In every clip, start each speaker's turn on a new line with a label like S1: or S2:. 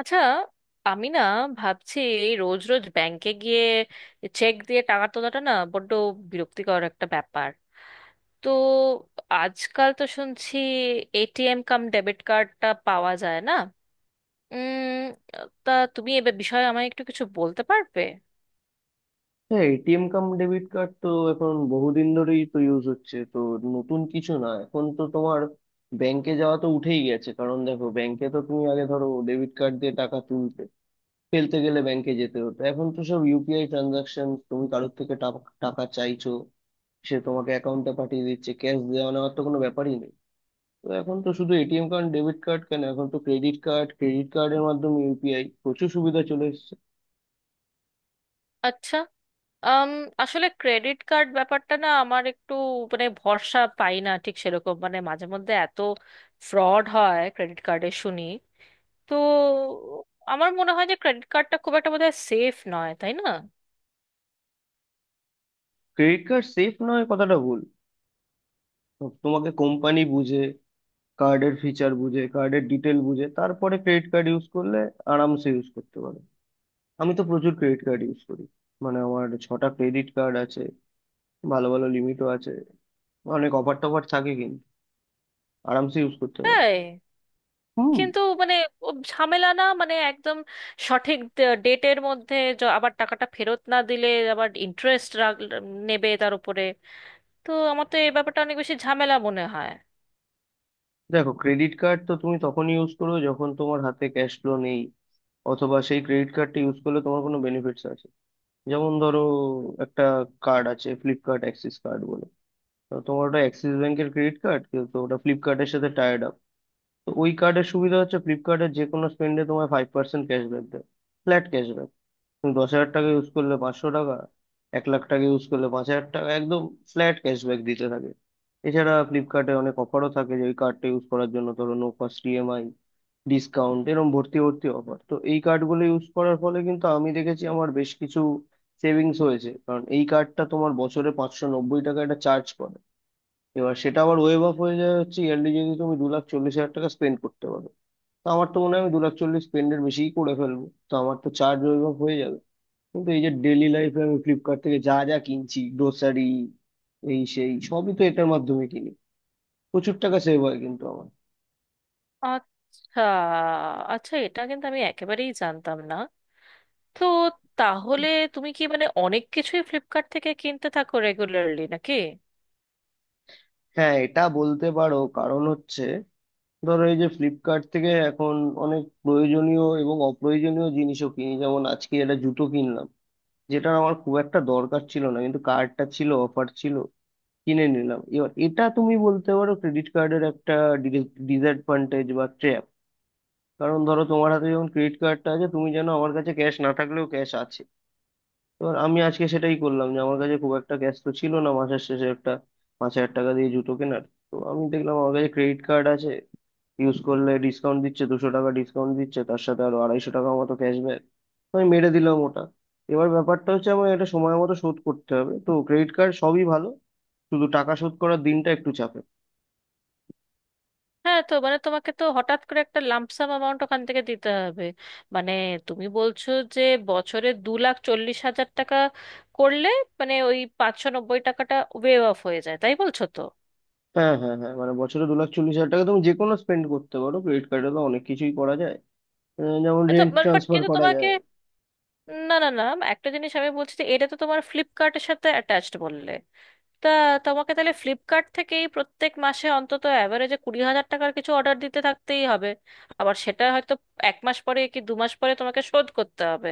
S1: আচ্ছা, আমি না ভাবছি রোজ রোজ ব্যাংকে গিয়ে চেক দিয়ে টাকা তোলাটা না বড্ড বিরক্তিকর একটা ব্যাপার। তো আজকাল তো শুনছি এটিএম কাম ডেবিট কার্ডটা পাওয়া যায় না। উম তা তুমি এ বিষয়ে আমায় একটু কিছু বলতে পারবে?
S2: হ্যাঁ, এটিএম কাম ডেবিট কার্ড তো এখন বহুদিন ধরেই তো ইউজ হচ্ছে তো, নতুন কিছু না। এখন তো তোমার ব্যাংকে যাওয়া তো উঠেই গেছে, কারণ দেখো ব্যাংকে তো তুমি আগে ধরো ডেবিট কার্ড দিয়ে টাকা তুলতে ফেলতে গেলে ব্যাংকে যেতে হতো। এখন তো সব ইউপিআই ট্রানজাকশন, তুমি কারোর থেকে টাকা চাইছো, সে তোমাকে অ্যাকাউন্টে পাঠিয়ে দিচ্ছে, ক্যাশ দেওয়া নেওয়ার তো কোনো ব্যাপারই নেই। তো এখন তো শুধু এটিএম কার্ড ডেবিট কার্ড কেন, এখন তো ক্রেডিট কার্ড, ক্রেডিট কার্ডের মাধ্যমে ইউপিআই, প্রচুর সুবিধা চলে এসেছে।
S1: আচ্ছা। আম, আসলে ক্রেডিট কার্ড ব্যাপারটা না আমার একটু মানে ভরসা পাই না ঠিক সেরকম, মানে মাঝে মধ্যে এত ফ্রড হয় ক্রেডিট কার্ডে শুনি। তো আমার মনে হয় যে ক্রেডিট কার্ডটা খুব একটা বোধহয় সেফ নয়, তাই না?
S2: ক্রেডিট কার্ড সেফ নয় কথাটা ভুল। তো তোমাকে কোম্পানি বুঝে, কার্ডের ফিচার বুঝে, কার্ডের ডিটেল বুঝে, তারপরে ক্রেডিট কার্ড ইউজ করলে আরামসে ইউজ করতে পারো। আমি তো প্রচুর ক্রেডিট কার্ড ইউজ করি, মানে আমার ছটা ক্রেডিট কার্ড আছে, ভালো ভালো লিমিটও আছে, অনেক অফার টফার থাকে, কিন্তু আরামসে ইউজ করতে পারো।
S1: তাই?
S2: হুম।
S1: কিন্তু মানে ও ঝামেলা না, মানে একদম সঠিক ডেটের মধ্যে আবার টাকাটা ফেরত না দিলে আবার ইন্টারেস্ট নেবে তার উপরে। তো আমার তো এই ব্যাপারটা অনেক বেশি ঝামেলা মনে হয়।
S2: দেখো, ক্রেডিট কার্ড তো তুমি তখনই ইউজ করো যখন তোমার হাতে ক্যাশ ফ্লো নেই, অথবা সেই ক্রেডিট কার্ডটা ইউজ করলে তোমার কোনো বেনিফিটস আছে। যেমন ধরো, একটা কার্ড আছে ফ্লিপকার্ট অ্যাক্সিস কার্ড বলে, তো তোমার ওটা অ্যাক্সিস ব্যাংকের ক্রেডিট কার্ড, কিন্তু ওটা ফ্লিপকার্টের সাথে টাইড আপ। তো ওই কার্ডের সুবিধা হচ্ছে ফ্লিপকার্টের যে কোনো স্পেন্ডে তোমায় 5% ক্যাশব্যাক দেয়, ফ্ল্যাট ক্যাশব্যাক। তুমি 10,000 টাকা ইউজ করলে 500 টাকা, 1,00,000 টাকা ইউজ করলে 5,000 টাকা, একদম ফ্ল্যাট ক্যাশব্যাক দিতে থাকে। এছাড়া ফ্লিপকার্টে অনেক অফারও থাকে যে ওই কার্ডটা ইউজ করার জন্য, ধরো নো কস্ট ইএমআই, ডিসকাউন্ট, এরকম ভর্তি ভর্তি অফার। তো এই কার্ডগুলো ইউজ করার ফলে কিন্তু আমি দেখেছি আমার বেশ কিছু সেভিংস হয়েছে, কারণ এই কার্ডটা তোমার বছরে 590 টাকা একটা চার্জ করে। এবার সেটা আবার ওয়েভ অফ হয়ে যায়, হচ্ছে ইয়ারলি যদি তুমি 2,40,000 টাকা স্পেন্ড করতে পারো। তো আমার তো মনে হয় আমি 2,40,000 স্পেন্ডের বেশিই করে ফেলবো, তো আমার তো চার্জ ওয়েভ অফ হয়ে যাবে। কিন্তু এই যে ডেলি লাইফে আমি ফ্লিপকার্ট থেকে যা যা কিনছি, গ্রোসারি এই সেই সবই তো এটার মাধ্যমে কিনি, প্রচুর টাকা সেভ হয় কিন্তু আমার।
S1: আচ্ছা, আচ্ছা, এটা কিন্তু আমি একেবারেই জানতাম না। তো তাহলে তুমি কি মানে অনেক কিছুই ফ্লিপকার্ট থেকে কিনতে থাকো রেগুলারলি নাকি?
S2: হ্যাঁ, এটা বলতে পারো। কারণ হচ্ছে, ধরো এই যে ফ্লিপকার্ট থেকে এখন অনেক প্রয়োজনীয় এবং অপ্রয়োজনীয় জিনিসও কিনি, যেমন আজকে একটা জুতো কিনলাম যেটা আমার খুব একটা দরকার ছিল না, কিন্তু কার্ডটা ছিল, অফার ছিল, কিনে নিলাম। এবার এটা তুমি বলতে পারো ক্রেডিট কার্ডের একটা ডিসঅ্যাডভান্টেজ বা ট্র্যাপ, কারণ ধরো তোমার হাতে যখন ক্রেডিট কার্ডটা আছে তুমি জানো আমার কাছে ক্যাশ না থাকলেও ক্যাশ আছে। এবার আমি আজকে সেটাই করলাম, যে আমার কাছে খুব একটা ক্যাশ তো ছিল না মাসের শেষে একটা 5,000 টাকা দিয়ে জুতো কেনার। তো আমি দেখলাম আমার কাছে ক্রেডিট কার্ড আছে, ইউজ করলে ডিসকাউন্ট দিচ্ছে, 200 টাকা ডিসকাউন্ট দিচ্ছে, তার সাথে আরো 250 টাকা মতো ক্যাশব্যাক, আমি মেরে দিলাম ওটা। এবার ব্যাপারটা হচ্ছে আমার এটা সময় মতো শোধ করতে হবে। তো ক্রেডিট কার্ড সবই ভালো, শুধু টাকা শোধ করার দিনটা একটু চাপের।
S1: হ্যাঁ, তো মানে তোমাকে তো হঠাৎ করে একটা লাম্পসাম অ্যামাউন্ট ওখান থেকে দিতে হবে। মানে তুমি বলছো যে বছরে 2,40,000 টাকা করলে মানে ওই 590 টাকাটা ওয়েভ অফ হয়ে যায়, তাই বলছো তো?
S2: হ্যাঁ হ্যাঁ হ্যাঁ, মানে বছরে 2,40,000 টাকা তুমি যে কোনো স্পেন্ড করতে পারো, ক্রেডিট কার্ডে তো অনেক কিছুই করা যায়। যেমন
S1: তো
S2: রেন্ট
S1: বাট
S2: ট্রান্সফার
S1: কিন্তু
S2: করা
S1: তোমাকে,
S2: যায়।
S1: না না না, একটা জিনিস আমি বলছি যে এটা তো তোমার ফ্লিপকার্টের সাথে অ্যাটাচড বললে। তা তোমাকে তাহলে ফ্লিপকার্ট থেকেই প্রত্যেক মাসে অন্তত অ্যাভারেজে 20,000 টাকার কিছু অর্ডার দিতে থাকতেই হবে। আবার সেটা হয়তো এক মাস পরে কি দু মাস পরে তোমাকে শোধ করতে হবে।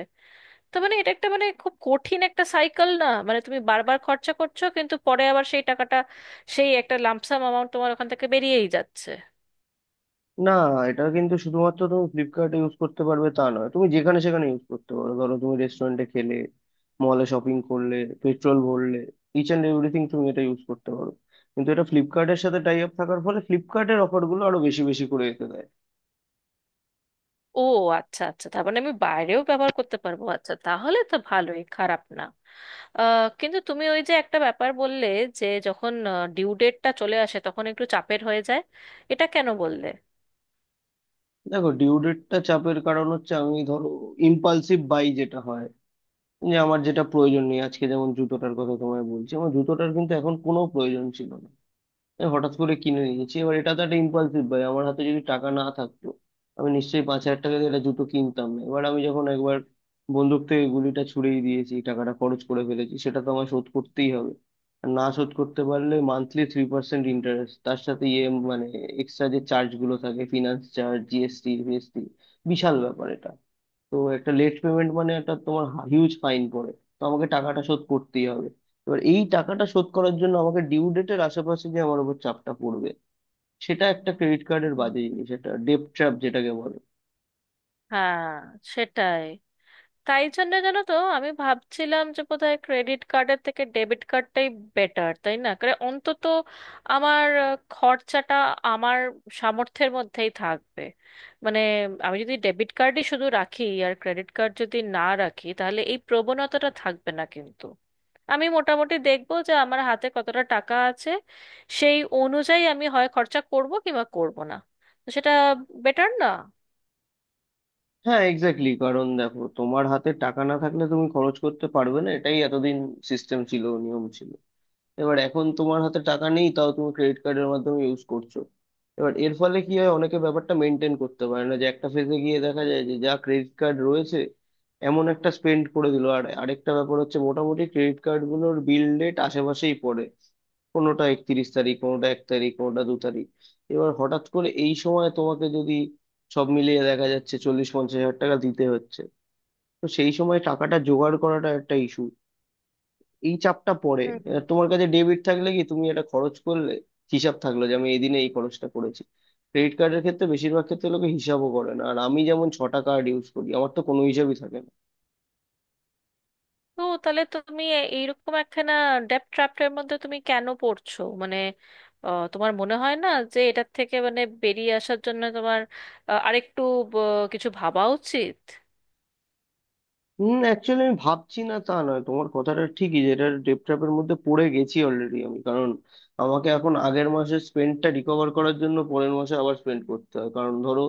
S1: তো মানে এটা একটা মানে খুব কঠিন একটা সাইকেল, না মানে তুমি বারবার খরচা করছো কিন্তু পরে আবার সেই টাকাটা, সেই একটা লামসাম অ্যামাউন্ট তোমার ওখান থেকে বেরিয়েই যাচ্ছে।
S2: না, এটা কিন্তু শুধুমাত্র তুমি ফ্লিপকার্টে ইউজ করতে পারবে তা নয়, তুমি যেখানে সেখানে ইউজ করতে পারো। ধরো তুমি রেস্টুরেন্টে খেলে, মলে শপিং করলে, পেট্রোল ভরলে, ইচ অ্যান্ড এভরিথিং তুমি এটা ইউজ করতে পারো। কিন্তু এটা ফ্লিপকার্টের সাথে টাই আপ থাকার ফলে ফ্লিপকার্টের অফারগুলো আরো বেশি বেশি করে এতে দেয়।
S1: ও, আচ্ছা আচ্ছা, তার মানে আমি বাইরেও ব্যবহার করতে পারবো। আচ্ছা তাহলে তো ভালোই, খারাপ না। কিন্তু তুমি ওই যে একটা ব্যাপার বললে যে যখন ডিউ ডেটটা চলে আসে তখন একটু চাপের হয়ে যায়, এটা কেন বললে?
S2: দেখো, ডিউ ডেটটা চাপের, কারণ হচ্ছে আমি ধরো ইম্পালসিভ বাই যেটা হয়, যে আমার যেটা প্রয়োজন নেই, আজকে যেমন জুতোটার কথা তোমায় বলছি, আমার জুতোটার কিন্তু এখন কোনো প্রয়োজন ছিল না, আমি হঠাৎ করে কিনে নিয়েছি। এবার এটা তো একটা ইম্পালসিভ বাই, আমার হাতে যদি টাকা না থাকতো আমি নিশ্চয়ই 5,000 টাকা দিয়ে একটা জুতো কিনতাম না। এবার আমি যখন একবার বন্দুক থেকে গুলিটা ছুড়েই দিয়েছি, টাকাটা খরচ করে ফেলেছি, সেটা তো আমায় শোধ করতেই হবে। আর না শোধ করতে পারলে মান্থলি 3% ইন্টারেস্ট, তার সাথে ইয়ে মানে এক্সট্রা যে চার্জ গুলো থাকে, ফিনান্স চার্জ, জিএসটি, ফিএসটি, বিশাল ব্যাপার এটা। তো একটা লেট পেমেন্ট মানে একটা তোমার হিউজ ফাইন পড়ে, তো আমাকে টাকাটা শোধ করতেই হবে। এবার এই টাকাটা শোধ করার জন্য আমাকে ডিউ ডেটের আশেপাশে যে আমার উপর চাপটা পড়বে, সেটা একটা ক্রেডিট কার্ডের
S1: হুম।
S2: বাজে জিনিস, একটা ডেট ট্র্যাপ যেটাকে বলে।
S1: হ্যাঁ, সেটাই। তাই জন্য জানো তো আমি ভাবছিলাম যে বোধহয় ক্রেডিট কার্ডের থেকে ডেবিট কার্ডটাই বেটার, তাই না? করে অন্তত আমার খরচাটা আমার সামর্থ্যের মধ্যেই থাকবে। মানে আমি যদি ডেবিট কার্ডই শুধু রাখি আর ক্রেডিট কার্ড যদি না রাখি তাহলে এই প্রবণতাটা থাকবে না কিন্তু। আমি মোটামুটি দেখবো যে আমার হাতে কতটা টাকা আছে, সেই অনুযায়ী আমি হয় খরচা করব কিংবা করব না। তো সেটা বেটার না?
S2: হ্যাঁ এক্স্যাক্টলি। কারণ দেখো, তোমার হাতে টাকা না থাকলে তুমি খরচ করতে পারবে না, এটাই এতদিন সিস্টেম ছিল, নিয়ম ছিল। এবার এখন তোমার হাতে টাকা নেই, তাও তুমি ক্রেডিট কার্ডের মাধ্যমে ইউজ করছো। এবার এর ফলে কি হয়, অনেকে ব্যাপারটা মেনটেন করতে পারে না, যে একটা ফেজে গিয়ে দেখা যায় যে যা ক্রেডিট কার্ড রয়েছে এমন একটা স্পেন্ড করে দিল। আর আরেকটা ব্যাপার হচ্ছে, মোটামুটি ক্রেডিট কার্ডগুলোর বিল ডেট আশেপাশেই পড়ে, কোনোটা 31 তারিখ, কোনোটা এক তারিখ, কোনোটা দু তারিখ। এবার হঠাৎ করে এই সময় তোমাকে যদি সব মিলিয়ে দেখা যাচ্ছে 40-50 হাজার টাকা দিতে হচ্ছে, তো সেই সময় টাকাটা জোগাড় করাটা একটা ইস্যু, এই চাপটা পড়ে।
S1: হুম।
S2: তোমার কাছে ডেবিট থাকলে কি তুমি এটা খরচ করলে হিসাব থাকলো যে আমি এই দিনে এই খরচটা করেছি। ক্রেডিট কার্ডের ক্ষেত্রে বেশিরভাগ ক্ষেত্রে লোকে হিসাবও করে না, আর আমি যেমন ছটা কার্ড ইউজ করি, আমার তো কোনো হিসাবই থাকে না।
S1: ও, তাহলে তুমি এইরকম একখানা ডেপ ট্র্যাপের মধ্যে তুমি কেন পড়ছো? মানে তোমার মনে হয় না যে এটার থেকে মানে বেরিয়ে আসার জন্য তোমার আরেকটু ব- কিছু ভাবা উচিত?
S2: হুম, অ্যাকচুয়ালি আমি ভাবছি না তা নয়, তোমার কথাটা ঠিকই যে এটার ডেপ ট্র্যাপের মধ্যে পড়ে গেছি অলরেডি আমি। কারণ আমাকে এখন আগের মাসের স্পেন্ডটা রিকভার করার জন্য পরের মাসে আবার স্পেন্ড করতে হয়। কারণ ধরো,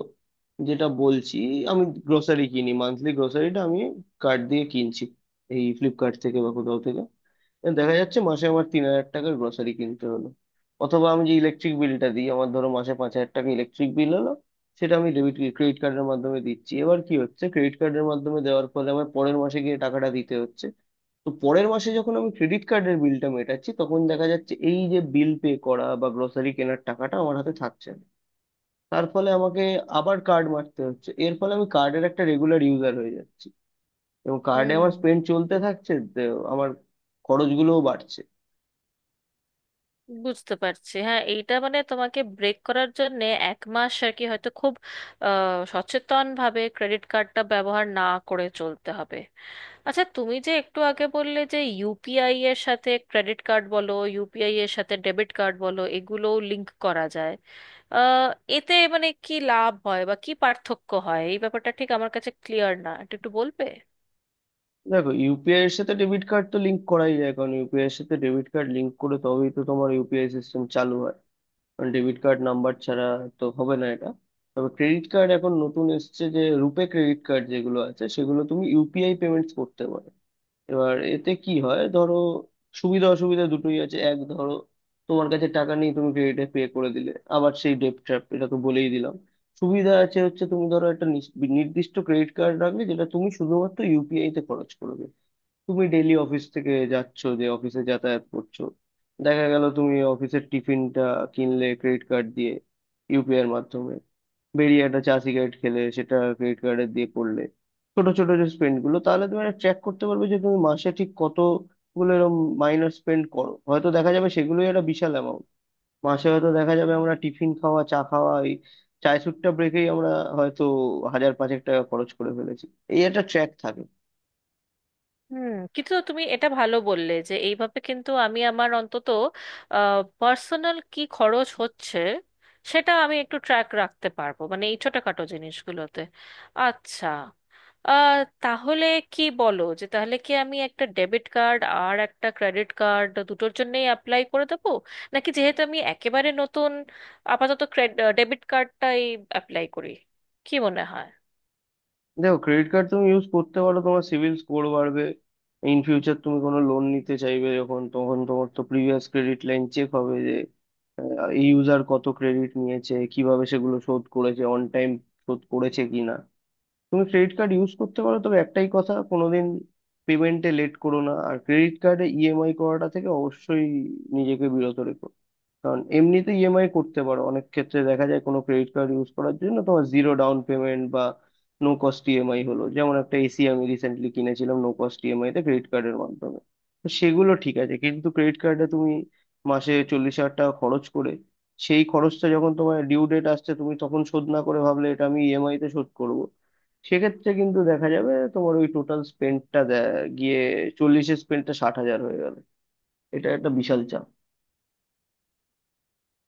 S2: যেটা বলছি, আমি গ্রোসারি কিনি, মান্থলি গ্রোসারিটা আমি কার্ড দিয়ে কিনছি এই ফ্লিপকার্ট থেকে বা কোথাও থেকে। দেখা যাচ্ছে মাসে আমার 3,000 টাকার গ্রোসারি কিনতে হলো, অথবা আমি যে ইলেকট্রিক বিলটা দিই, আমার ধরো মাসে 5,000 টাকা ইলেকট্রিক বিল হলো, সেটা আমি ডেবিট ক্রেডিট কার্ডের মাধ্যমে দিচ্ছি। এবার কি হচ্ছে, ক্রেডিট কার্ডের মাধ্যমে দেওয়ার ফলে আমার পরের মাসে গিয়ে টাকাটা দিতে হচ্ছে। তো পরের মাসে যখন আমি ক্রেডিট কার্ডের বিলটা মেটাচ্ছি, তখন দেখা যাচ্ছে এই যে বিল পে করা বা গ্রোসারি কেনার টাকাটা আমার হাতে থাকছে না, তার ফলে আমাকে আবার কার্ড মারতে হচ্ছে। এর ফলে আমি কার্ডের একটা রেগুলার ইউজার হয়ে যাচ্ছি এবং কার্ডে আমার
S1: হুম,
S2: স্পেন্ড চলতে থাকছে, আমার খরচগুলোও বাড়ছে।
S1: বুঝতে পারছি। হ্যাঁ, এইটা মানে তোমাকে ব্রেক করার জন্য এক মাস আর কি, হয়তো খুব সচেতন ভাবে ক্রেডিট কার্ডটা ব্যবহার না করে চলতে হবে। আচ্ছা, তুমি যে একটু আগে বললে যে ইউপিআই এর সাথে ক্রেডিট কার্ড বলো, ইউপিআই এর সাথে ডেবিট কার্ড বলো, এগুলোও লিংক করা যায়। আহ, এতে মানে কি লাভ হয় বা কি পার্থক্য হয় এই ব্যাপারটা ঠিক আমার কাছে ক্লিয়ার না, এটা একটু বলবে?
S2: দেখো, ইউপিআই এর সাথে ডেবিট কার্ড তো লিংক করাই যায়, কারণ ইউপিআই এর সাথে ডেবিট কার্ড লিংক করে তবেই তো তোমার ইউপিআই সিস্টেম চালু হয়, কারণ ডেবিট কার্ড নাম্বার ছাড়া তো হবে না এটা। তবে ক্রেডিট কার্ড এখন নতুন এসছে যে রুপে ক্রেডিট কার্ড যেগুলো আছে সেগুলো তুমি ইউপিআই পেমেন্টস করতে পারো। এবার এতে কি হয়, ধরো সুবিধা অসুবিধা দুটোই আছে। এক, ধরো তোমার কাছে টাকা নেই, তুমি ক্রেডিটে পে করে দিলে, আবার সেই ডেট ট্র্যাপ, এটা তো বলেই দিলাম। সুবিধা আছে হচ্ছে, তুমি ধরো একটা নির্দিষ্ট ক্রেডিট কার্ড রাখলে যেটা তুমি শুধুমাত্র ইউপিআই তে খরচ করবে। তুমি ডেইলি অফিস থেকে যাচ্ছ, যে অফিসে যাতায়াত করছো, দেখা গেল তুমি অফিসের টিফিনটা কিনলে ক্রেডিট কার্ড দিয়ে ইউপিআই এর মাধ্যমে, বেরিয়ে একটা চা সিগারেট খেলে সেটা ক্রেডিট কার্ডে দিয়ে করলে। ছোট ছোট যে স্পেন্ড গুলো, তাহলে তুমি একটা ট্র্যাক করতে পারবে যে তুমি মাসে ঠিক কতগুলো এরকম মাইনর স্পেন্ড করো। হয়তো দেখা যাবে সেগুলোই একটা বিশাল অ্যামাউন্ট। মাসে হয়তো দেখা যাবে আমরা টিফিন খাওয়া, চা খাওয়া, এই চায় সুট্টা ব্রেকেই আমরা হয়তো হাজার পাঁচেক টাকা খরচ করে ফেলেছি। এই একটা ট্র্যাক থাকে।
S1: হুম, কিন্তু তুমি এটা ভালো বললে যে এইভাবে কিন্তু আমি আমার অন্তত পার্সোনাল কি খরচ হচ্ছে সেটা আমি একটু ট্র্যাক রাখতে পারবো, মানে এই ছোটখাটো জিনিসগুলোতে। আচ্ছা, আহ, তাহলে কি বলো, যে তাহলে কি আমি একটা ডেবিট কার্ড আর একটা ক্রেডিট কার্ড দুটোর জন্যই অ্যাপ্লাই করে দেবো, নাকি যেহেতু আমি একেবারে নতুন আপাতত ডেবিট কার্ডটাই অ্যাপ্লাই করি? কি মনে হয়?
S2: দেখো, ক্রেডিট কার্ড তুমি ইউজ করতে পারো, তোমার সিভিল স্কোর বাড়বে। ইন ফিউচার তুমি কোনো লোন নিতে চাইবে যখন, তখন তোমার তো প্রিভিয়াস ক্রেডিট লাইন চেক হবে, যে এই ইউজার কত ক্রেডিট নিয়েছে, কিভাবে সেগুলো শোধ করেছে, অন টাইম শোধ করেছে কিনা। তুমি ক্রেডিট কার্ড ইউজ করতে পারো, তবে একটাই কথা, কোনোদিন পেমেন্টে লেট করো না, আর ক্রেডিট কার্ডে ইএমআই করাটা থেকে অবশ্যই নিজেকে বিরত রেখো। কারণ এমনিতে ইএমআই করতে পারো, অনেক ক্ষেত্রে দেখা যায় কোনো ক্রেডিট কার্ড ইউজ করার জন্য তোমার জিরো ডাউন পেমেন্ট বা নো কস্ট ইএমআই হলো, যেমন একটা এসি আমি রিসেন্টলি কিনেছিলাম নো কস্ট ইএমআই তে ক্রেডিট কার্ডের মাধ্যমে, তো সেগুলো ঠিক আছে। কিন্তু ক্রেডিট কার্ডে তুমি মাসে 40,000 টাকা খরচ করে সেই খরচটা যখন তোমার ডিউ ডেট আসছে তুমি তখন শোধ না করে ভাবলে এটা আমি ইএমআই তে শোধ করব, সেক্ষেত্রে কিন্তু দেখা যাবে তোমার ওই টোটাল স্পেন্ডটা গিয়ে চল্লিশের স্পেন্ডটা 60,000 হয়ে গেল। এটা একটা বিশাল চাপ।